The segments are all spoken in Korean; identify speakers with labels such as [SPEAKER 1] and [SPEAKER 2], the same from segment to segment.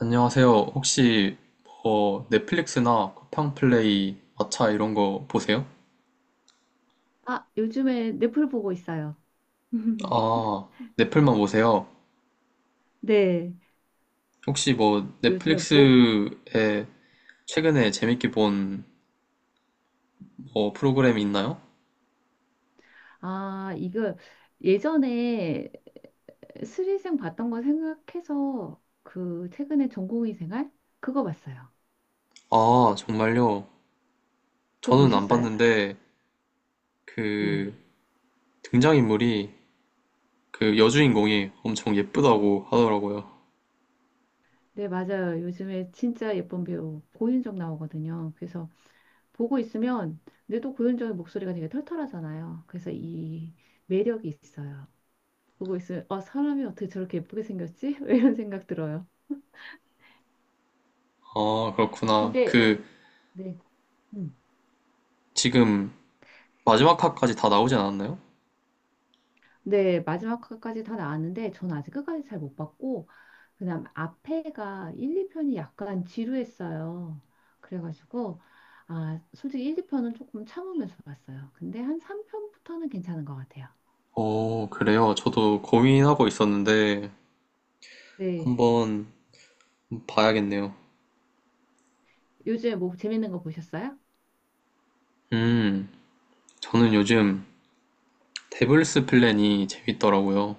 [SPEAKER 1] 안녕하세요. 혹시 뭐 넷플릭스나 쿠팡플레이, 마차 이런 거 보세요?
[SPEAKER 2] 아, 요즘에 넷플 보고 있어요.
[SPEAKER 1] 아, 넷플만 보세요.
[SPEAKER 2] 네,
[SPEAKER 1] 혹시 뭐
[SPEAKER 2] 요즘에 뭐,
[SPEAKER 1] 넷플릭스에 최근에 재밌게 본 뭐 프로그램이 있나요?
[SPEAKER 2] 아, 이거 예전에 스리생 봤던 거 생각해서 그 최근에 전공의 생활? 그거 봤어요.
[SPEAKER 1] 아, 정말요?
[SPEAKER 2] 그거
[SPEAKER 1] 저는 안
[SPEAKER 2] 보셨어요?
[SPEAKER 1] 봤는데
[SPEAKER 2] 네.
[SPEAKER 1] 그 등장인물이 그 여주인공이 엄청 예쁘다고 하더라고요.
[SPEAKER 2] 네, 맞아요. 요즘에 진짜 예쁜 배우 고윤정 나오거든요. 그래서 보고 있으면, 근데 또 고윤정의 목소리가 되게 털털하잖아요. 그래서 이 매력이 있어요. 보고 있으면, 어, 사람이 어떻게 저렇게 예쁘게 생겼지? 이런 생각 들어요.
[SPEAKER 1] 아, 그렇구나.
[SPEAKER 2] 근데
[SPEAKER 1] 그
[SPEAKER 2] 네. 음.
[SPEAKER 1] 지금 마지막 화까지 다 나오지 않았나요?
[SPEAKER 2] 네, 마지막까지 다 나왔는데 전 아직 끝까지 잘 못 봤고 그다음 앞에가 1, 2편이 약간 지루했어요. 그래가지고 아, 솔직히 1, 2편은 조금 참으면서 봤어요. 근데 한 3편부터는 괜찮은 것 같아요.
[SPEAKER 1] 어, 그래요. 저도 고민하고 있었는데,
[SPEAKER 2] 네.
[SPEAKER 1] 한번 봐야겠네요.
[SPEAKER 2] 요즘에 뭐 재밌는 거 보셨어요?
[SPEAKER 1] 음, 저는 요즘 데블스 플랜이 재밌더라고요.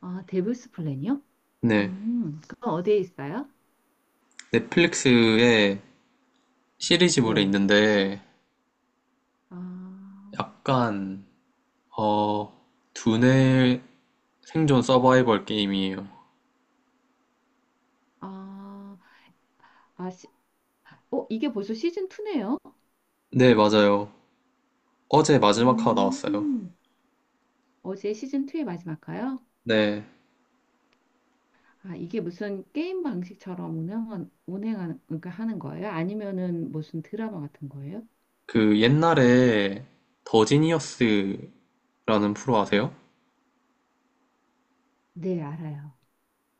[SPEAKER 2] 아, 데블스 플랜이요?
[SPEAKER 1] 네,
[SPEAKER 2] 그건 어디에 있어요?
[SPEAKER 1] 넷플릭스에 시리즈물에
[SPEAKER 2] 네. 시,
[SPEAKER 1] 있는데
[SPEAKER 2] 아,
[SPEAKER 1] 약간 어 두뇌 생존 서바이벌 게임이에요.
[SPEAKER 2] 아, 아, 시, 어, 이게 벌써 시즌 2네요?
[SPEAKER 1] 네, 맞아요. 어제 마지막 화가 나왔어요.
[SPEAKER 2] 음. 어제 시즌2의 마지막가요?
[SPEAKER 1] 네,
[SPEAKER 2] 아, 이게 무슨 게임 방식처럼 운행하는, 그러니까 하는 거예요? 아니면은 무슨 드라마 같은 거예요?
[SPEAKER 1] 그 옛날에 더 지니어스라는 프로 아세요?
[SPEAKER 2] 네, 알아요.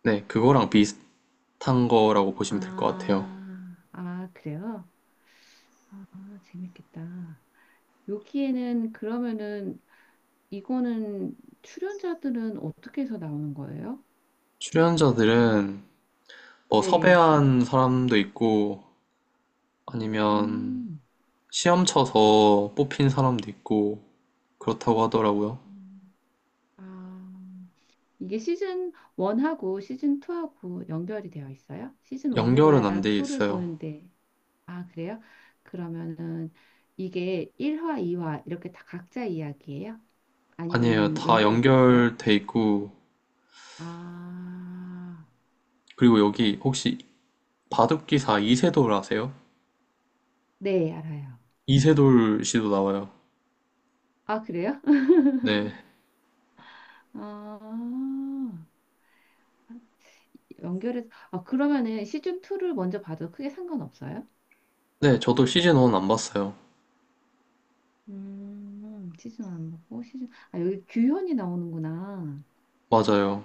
[SPEAKER 1] 네, 그거랑 비슷한 거라고 보시면 될 것 같아요.
[SPEAKER 2] 아, 아, 그래요? 아, 재밌겠다. 여기에는 그러면은 이거는 출연자들은 어떻게 해서 나오는 거예요?
[SPEAKER 1] 출연자들은
[SPEAKER 2] 음,
[SPEAKER 1] 뭐
[SPEAKER 2] 네.
[SPEAKER 1] 섭외한 사람도 있고 아니면
[SPEAKER 2] 음,
[SPEAKER 1] 시험 쳐서 뽑힌 사람도 있고 그렇다고 하더라고요.
[SPEAKER 2] 음. 아. 이게 시즌 1하고 시즌 2하고 연결이 되어 있어요? 시즌 1을 봐야
[SPEAKER 1] 연결은 안 돼
[SPEAKER 2] 2를
[SPEAKER 1] 있어요.
[SPEAKER 2] 보는데. 아, 그래요? 그러면은 이게 1화, 2화 이렇게 다 각자 이야기예요?
[SPEAKER 1] 아니에요.
[SPEAKER 2] 아니면은
[SPEAKER 1] 다
[SPEAKER 2] 연결이 돼 있어요?
[SPEAKER 1] 연결돼 있고
[SPEAKER 2] 아,
[SPEAKER 1] 그리고 여기 혹시 바둑기사 이세돌 아세요?
[SPEAKER 2] 네, 알아요.
[SPEAKER 1] 이세돌 씨도 나와요.
[SPEAKER 2] 아, 그래요?
[SPEAKER 1] 네.
[SPEAKER 2] 아, 연결해서 아, 그러면은 시즌 2를 먼저 봐도 크게 상관없어요?
[SPEAKER 1] 네, 저도 시즌 1 안 봤어요.
[SPEAKER 2] 시즌 1 보고 여기 규현이 나오는구나.
[SPEAKER 1] 맞아요.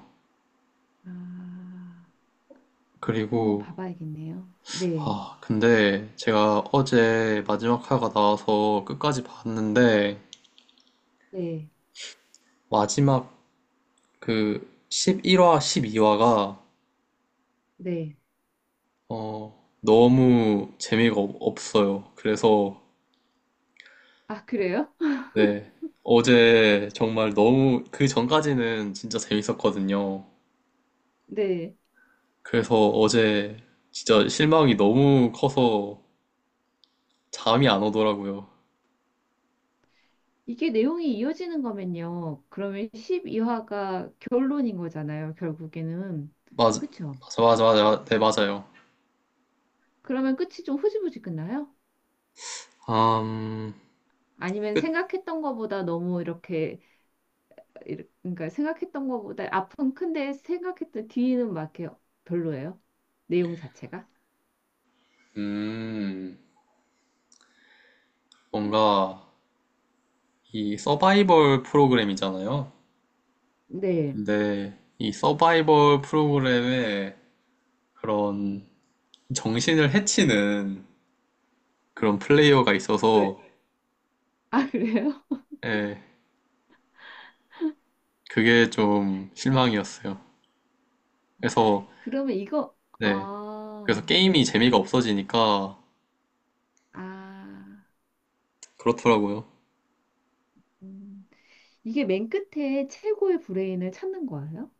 [SPEAKER 2] 아. 한번
[SPEAKER 1] 그리고
[SPEAKER 2] 봐봐야겠네요. 네,
[SPEAKER 1] 아, 근데 제가 어제 마지막 화가 나와서 끝까지 봤는데
[SPEAKER 2] 네,
[SPEAKER 1] 마지막 그 11화, 12화가
[SPEAKER 2] 네.
[SPEAKER 1] 너무 없어요. 그래서
[SPEAKER 2] 아, 그래요?
[SPEAKER 1] 네. 어제 정말 너무 그 전까지는 진짜 재밌었거든요.
[SPEAKER 2] 네.
[SPEAKER 1] 그래서 어제 진짜 실망이 너무 커서 잠이 안 오더라고요.
[SPEAKER 2] 이게 내용이 이어지는 거면요. 그러면 12화가 결론인 거잖아요, 결국에는.
[SPEAKER 1] 맞아,
[SPEAKER 2] 그쵸?
[SPEAKER 1] 맞아, 맞아, 맞아. 네, 맞아요.
[SPEAKER 2] 그러면 끝이 좀 흐지부지 끝나요?
[SPEAKER 1] 음,
[SPEAKER 2] 아니면 생각했던 거보다 너무 이렇게, 그러니까 생각했던 거보다 앞은 큰데 생각했던 뒤는 막 이렇게 별로예요? 내용 자체가?
[SPEAKER 1] 음, 뭔가 이 서바이벌 프로그램이잖아요.
[SPEAKER 2] 네.
[SPEAKER 1] 근데 이 서바이벌 프로그램의 그런 정신을 해치는 그런 플레이어가
[SPEAKER 2] 왜?
[SPEAKER 1] 있어서
[SPEAKER 2] 아, 그래요?
[SPEAKER 1] 예, 그게 좀 실망이었어요. 그래서
[SPEAKER 2] 그러면
[SPEAKER 1] 네, 그래서
[SPEAKER 2] 아,
[SPEAKER 1] 게임이
[SPEAKER 2] 네.
[SPEAKER 1] 재미가 없어지니까
[SPEAKER 2] 아,
[SPEAKER 1] 그렇더라고요.
[SPEAKER 2] 음. 이게 맨 끝에 최고의 브레인을 찾는 거예요?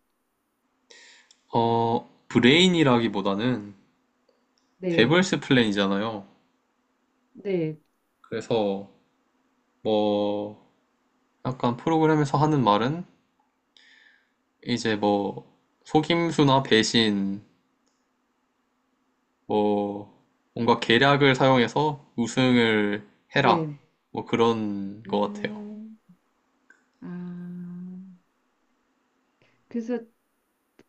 [SPEAKER 1] 어, 브레인이라기보다는
[SPEAKER 2] 네,
[SPEAKER 1] 데블스 플랜이잖아요.
[SPEAKER 2] 네,
[SPEAKER 1] 그래서 뭐 약간 프로그램에서 하는 말은 이제 뭐 속임수나 배신 뭐 뭔가 계략을 사용해서 우승을 해라
[SPEAKER 2] 네.
[SPEAKER 1] 뭐 그런 것 같아요.
[SPEAKER 2] 음, 아, 그래서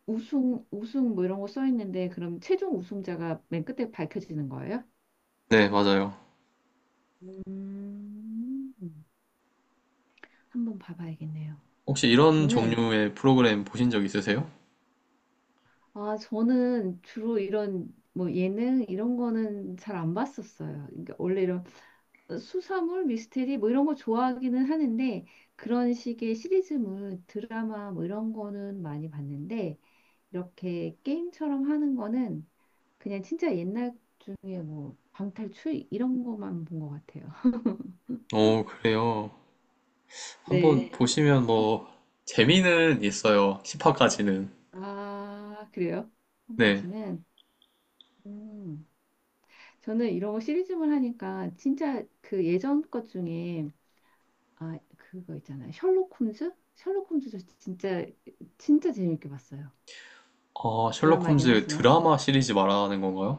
[SPEAKER 2] 우승 뭐 이런 거 써 있는데 그럼 최종 우승자가 맨 끝에 밝혀지는 거예요?
[SPEAKER 1] 네, 맞아요.
[SPEAKER 2] 음, 한번 봐봐야겠네요.
[SPEAKER 1] 혹시 이런
[SPEAKER 2] 저는,
[SPEAKER 1] 종류의 프로그램 보신 적 있으세요?
[SPEAKER 2] 아, 저는 주로 이런 뭐 예능 이런 거는 잘 안 봤었어요. 그러니까 원래 이런 수사물, 미스테리 뭐 이런 거 좋아하기는 하는데 그런 식의 시리즈물, 드라마 뭐 이런 거는 많이 봤는데 이렇게 게임처럼 하는 거는 그냥 진짜 옛날 중에 뭐 방탈출 이런 거만 본 것 같아요.
[SPEAKER 1] 어, 그래요. 한번
[SPEAKER 2] 네.
[SPEAKER 1] 네. 보시면 뭐 재미는 있어요. 10화까지는.
[SPEAKER 2] 아, 그래요?
[SPEAKER 1] 네.
[SPEAKER 2] 지금까지는. 음. 저는 이런 거 시리즈물 하니까 진짜 그 예전 것 중에 아, 그거 있잖아요. 셜록 홈즈? 셜록 홈즈 저 진짜 진짜 재밌게 봤어요.
[SPEAKER 1] 아, 셜록
[SPEAKER 2] 드라마이긴
[SPEAKER 1] 홈즈
[SPEAKER 2] 하지만.
[SPEAKER 1] 드라마 시리즈 말하는 건가요?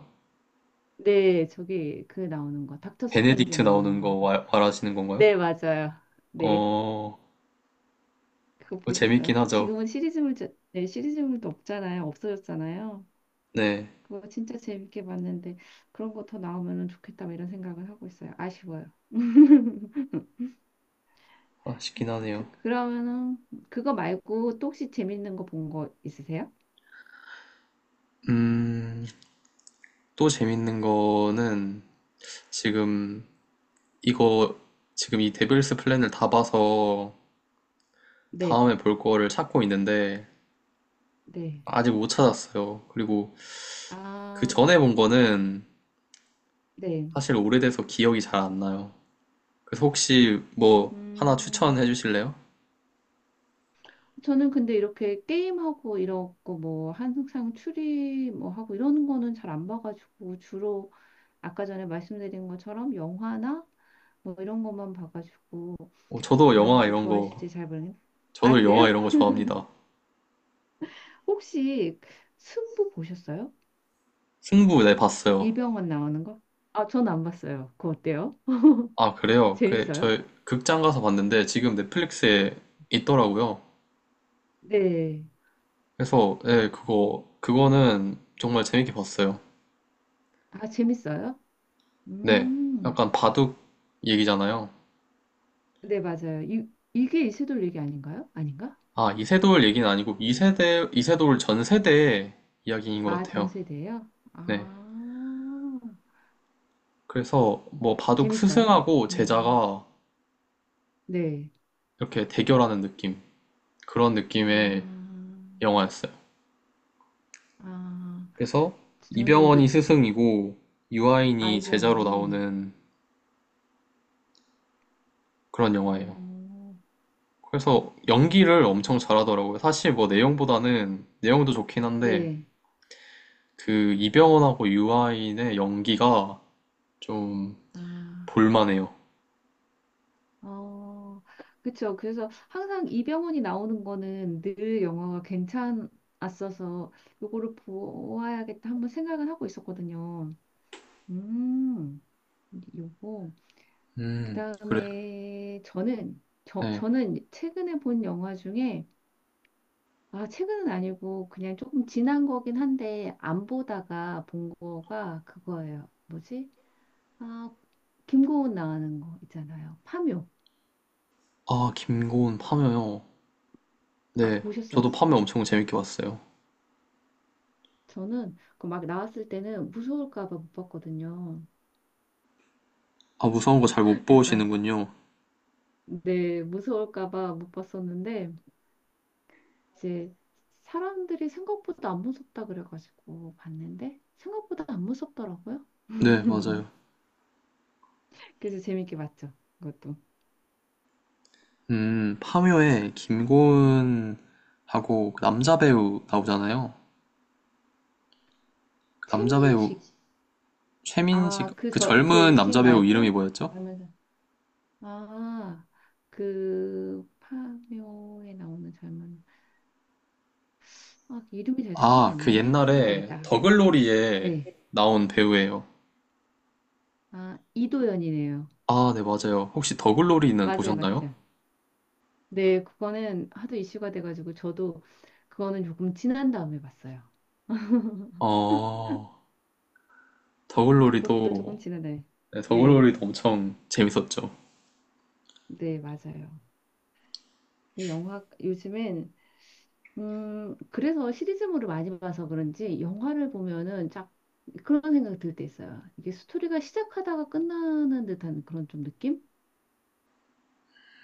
[SPEAKER 2] 네, 저기 그 나오는 거, 닥터 스트레인지
[SPEAKER 1] 베네딕트
[SPEAKER 2] 나오는
[SPEAKER 1] 나오는 거
[SPEAKER 2] 거요.
[SPEAKER 1] 와- 말하시는 건가요?
[SPEAKER 2] 네, 맞아요. 네,
[SPEAKER 1] 어,
[SPEAKER 2] 그거
[SPEAKER 1] 그거
[SPEAKER 2] 보셨어요?
[SPEAKER 1] 재밌긴 하죠.
[SPEAKER 2] 지금은 시리즈물, 네, 시리즈물도 없잖아요. 없어졌잖아요.
[SPEAKER 1] 네.
[SPEAKER 2] 그거 진짜 재밌게 봤는데 그런 거 더 나오면은 좋겠다 뭐 이런 생각을 하고 있어요. 아쉬워요.
[SPEAKER 1] 아쉽긴 하네요.
[SPEAKER 2] 그러면은 그거 말고 또 혹시 재밌는 거 본 거 있으세요?
[SPEAKER 1] 음, 또 재밌는 거는 지금 이거 지금 이 데빌스 플랜을 다 봐서
[SPEAKER 2] 네,
[SPEAKER 1] 다음에 볼 거를 찾고 있는데
[SPEAKER 2] 네.
[SPEAKER 1] 아직 못 찾았어요. 그리고 그
[SPEAKER 2] 아,
[SPEAKER 1] 전에 본 거는
[SPEAKER 2] 네.
[SPEAKER 1] 사실 오래돼서 기억이 잘 안 나요. 그래서 혹시 뭐 하나
[SPEAKER 2] 음.
[SPEAKER 1] 추천해 주실래요?
[SPEAKER 2] 저는 근데 이렇게 게임하고 이러고 뭐 항상 추리 뭐 하고 이러는 거는 잘 안 봐가지고 주로 아까 전에 말씀드린 것처럼 영화나 뭐 이런 것만 봐가지고
[SPEAKER 1] 어,
[SPEAKER 2] 이런 것도 좋아하실지 잘 모르겠. 아
[SPEAKER 1] 저도 영화
[SPEAKER 2] 그래요?
[SPEAKER 1] 이런 거 좋아합니다.
[SPEAKER 2] 혹시 승부 보셨어요?
[SPEAKER 1] 승부 네 봤어요.
[SPEAKER 2] 이병헌 나오는 거? 아, 전 안 봤어요. 그거 어때요?
[SPEAKER 1] 아, 그래요? 그,
[SPEAKER 2] 재밌어요?
[SPEAKER 1] 저 극장 가서 봤는데 지금 넷플릭스에 있더라고요.
[SPEAKER 2] 네.
[SPEAKER 1] 그래서 네, 그거는 정말 재밌게 봤어요.
[SPEAKER 2] 아, 재밌어요?
[SPEAKER 1] 네,
[SPEAKER 2] 음.
[SPEAKER 1] 약간 바둑 얘기잖아요.
[SPEAKER 2] 네, 맞아요. 이게 이세돌 얘기 아닌가요? 아닌가?
[SPEAKER 1] 아, 이세돌 얘기는 아니고 이세돌 전 세대 이야기인 것
[SPEAKER 2] 아, 전
[SPEAKER 1] 같아요.
[SPEAKER 2] 세대예요?
[SPEAKER 1] 네.
[SPEAKER 2] 아.
[SPEAKER 1] 그래서 뭐 바둑
[SPEAKER 2] 재밌어요?
[SPEAKER 1] 스승하고
[SPEAKER 2] 음.
[SPEAKER 1] 제자가
[SPEAKER 2] 네.
[SPEAKER 1] 이렇게 대결하는 느낌. 그런
[SPEAKER 2] 아,
[SPEAKER 1] 느낌의 영화였어요.
[SPEAKER 2] 아,
[SPEAKER 1] 그래서
[SPEAKER 2] 저는
[SPEAKER 1] 이병헌이
[SPEAKER 2] 이제
[SPEAKER 1] 스승이고 유아인이 제자로
[SPEAKER 2] 아이병원이
[SPEAKER 1] 나오는 그런 영화예요.
[SPEAKER 2] 어,
[SPEAKER 1] 그래서 연기를 엄청 잘하더라고요. 사실 뭐 내용보다는 내용도 좋긴 한데
[SPEAKER 2] 네.
[SPEAKER 1] 그 이병헌하고 유아인의 연기가 좀
[SPEAKER 2] 아,
[SPEAKER 1] 볼만해요.
[SPEAKER 2] 어, 그쵸. 그래서 항상 이병헌이 나오는 거는 늘 영화가 괜찮았어서 요거를 보아야겠다 한번 생각은 하고 있었거든요. 음, 요거.
[SPEAKER 1] 그래요?
[SPEAKER 2] 그다음에 저는 저,
[SPEAKER 1] 네.
[SPEAKER 2] 저는 최근에 본 영화 중에 아, 최근은 아니고 그냥 조금 지난 거긴 한데 안 보다가 본 거가 그거예요. 뭐지? 아, 김고은 나오는 거 있잖아요. 파묘.
[SPEAKER 1] 아, 김고은 파묘요.
[SPEAKER 2] 아까
[SPEAKER 1] 네, 저도
[SPEAKER 2] 보셨어요?
[SPEAKER 1] 파묘 엄청 재밌게 봤어요.
[SPEAKER 2] 저는 그막 나왔을 때는 무서울까 봐 못 봤거든요.
[SPEAKER 1] 아, 무서운 거 잘 못
[SPEAKER 2] 약간
[SPEAKER 1] 보시는군요.
[SPEAKER 2] 네, 무서울까 봐 못 봤었는데 이제 사람들이 생각보다 안 무섭다 그래가지고 봤는데 생각보다 안 무섭더라고요.
[SPEAKER 1] 네, 맞아요.
[SPEAKER 2] 그래서 재밌게 봤죠. 그것도.
[SPEAKER 1] 파묘에 김고은하고 그 남자 배우 나오잖아요. 그 남자 배우
[SPEAKER 2] 최민식
[SPEAKER 1] 최민식,
[SPEAKER 2] 아, 그
[SPEAKER 1] 그
[SPEAKER 2] 저, 그
[SPEAKER 1] 젊은
[SPEAKER 2] 식
[SPEAKER 1] 남자 배우 이름이
[SPEAKER 2] 말고?
[SPEAKER 1] 뭐였죠?
[SPEAKER 2] 라면, 아, 그 파묘에 나오는 젊은, 아, 이름이 잘 생각이
[SPEAKER 1] 아,
[SPEAKER 2] 안
[SPEAKER 1] 그
[SPEAKER 2] 나네?
[SPEAKER 1] 옛날에
[SPEAKER 2] 찾아봐야겠다.
[SPEAKER 1] 더글로리에
[SPEAKER 2] 네.
[SPEAKER 1] 나온 배우예요.
[SPEAKER 2] 아, 이도연이네요.
[SPEAKER 1] 아, 네, 맞아요. 혹시 더글로리는
[SPEAKER 2] 맞아요,
[SPEAKER 1] 보셨나요?
[SPEAKER 2] 맞죠. 네, 그거는 하도 이슈가 돼가지고 저도 그거는 조금 지난 다음에 봤어요.
[SPEAKER 1] 어,
[SPEAKER 2] 그것도 조금
[SPEAKER 1] 더글로리도,
[SPEAKER 2] 지난 다음에.
[SPEAKER 1] 네,
[SPEAKER 2] 네,
[SPEAKER 1] 더글로리도 엄청 재밌었죠.
[SPEAKER 2] 네, 맞아요. 그 영화, 요즘엔 그래서 시리즈물을 많이 봐서 그런지 영화를 보면은 쫙 그런 생각이 들 때 있어요. 이게 스토리가 시작하다가 끝나는 듯한 그런 좀 느낌?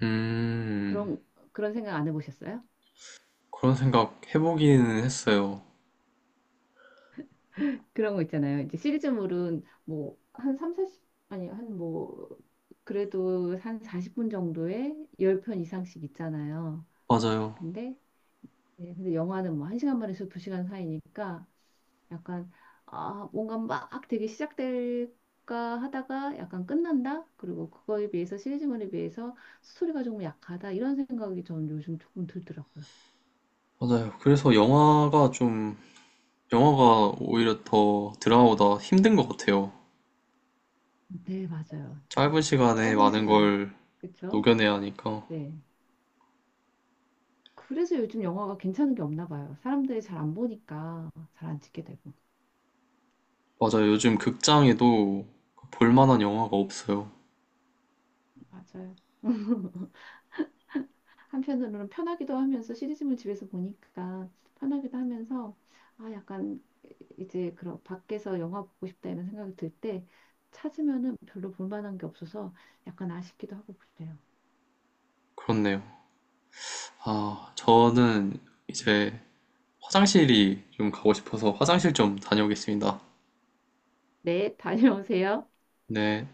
[SPEAKER 1] 음,
[SPEAKER 2] 그런, 그런 생각 안 해보셨어요?
[SPEAKER 1] 그런 생각 해보기는 했어요.
[SPEAKER 2] 그런 거 있잖아요. 이제 시리즈물은 뭐 한삼 40, 아니, 한 뭐, 그래도 한 40분 정도에 10편 이상씩 있잖아요.
[SPEAKER 1] 맞아요.
[SPEAKER 2] 근데 네, 근데 영화는 뭐 1시간 반에서 2시간 사이니까 약간 아, 뭔가 막 되게 시작될까 하다가 약간 끝난다. 그리고 그거에 비해서 시리즈물에 비해서 스토리가 조금 약하다. 이런 생각이 저는 요즘 조금 들더라고요.
[SPEAKER 1] 맞아요. 그래서 영화가 오히려 더 드라마보다 힘든 것 같아요.
[SPEAKER 2] 네, 맞아요. 이제
[SPEAKER 1] 짧은 시간에
[SPEAKER 2] 짧은
[SPEAKER 1] 많은
[SPEAKER 2] 시간에
[SPEAKER 1] 걸
[SPEAKER 2] 그렇죠?
[SPEAKER 1] 녹여내야 하니까.
[SPEAKER 2] 네. 그래서 요즘 영화가 괜찮은 게 없나 봐요. 사람들이 잘 안 보니까 잘 안 찍게 되고.
[SPEAKER 1] 맞아요. 요즘 극장에도 볼만한 영화가 없어요.
[SPEAKER 2] 맞아요. 한편으로는 편하기도 하면서 시리즈물 집에서 보니까 편하기도 하면서 아 약간 이제 그런 밖에서 영화 보고 싶다 이런 생각이 들 때 찾으면은 별로 볼만한 게 없어서 약간 아쉽기도 하고 그래요.
[SPEAKER 1] 그렇네요. 아, 저는 이제 화장실이 좀 가고 싶어서 화장실 좀 다녀오겠습니다.
[SPEAKER 2] 네, 다녀오세요.
[SPEAKER 1] 네.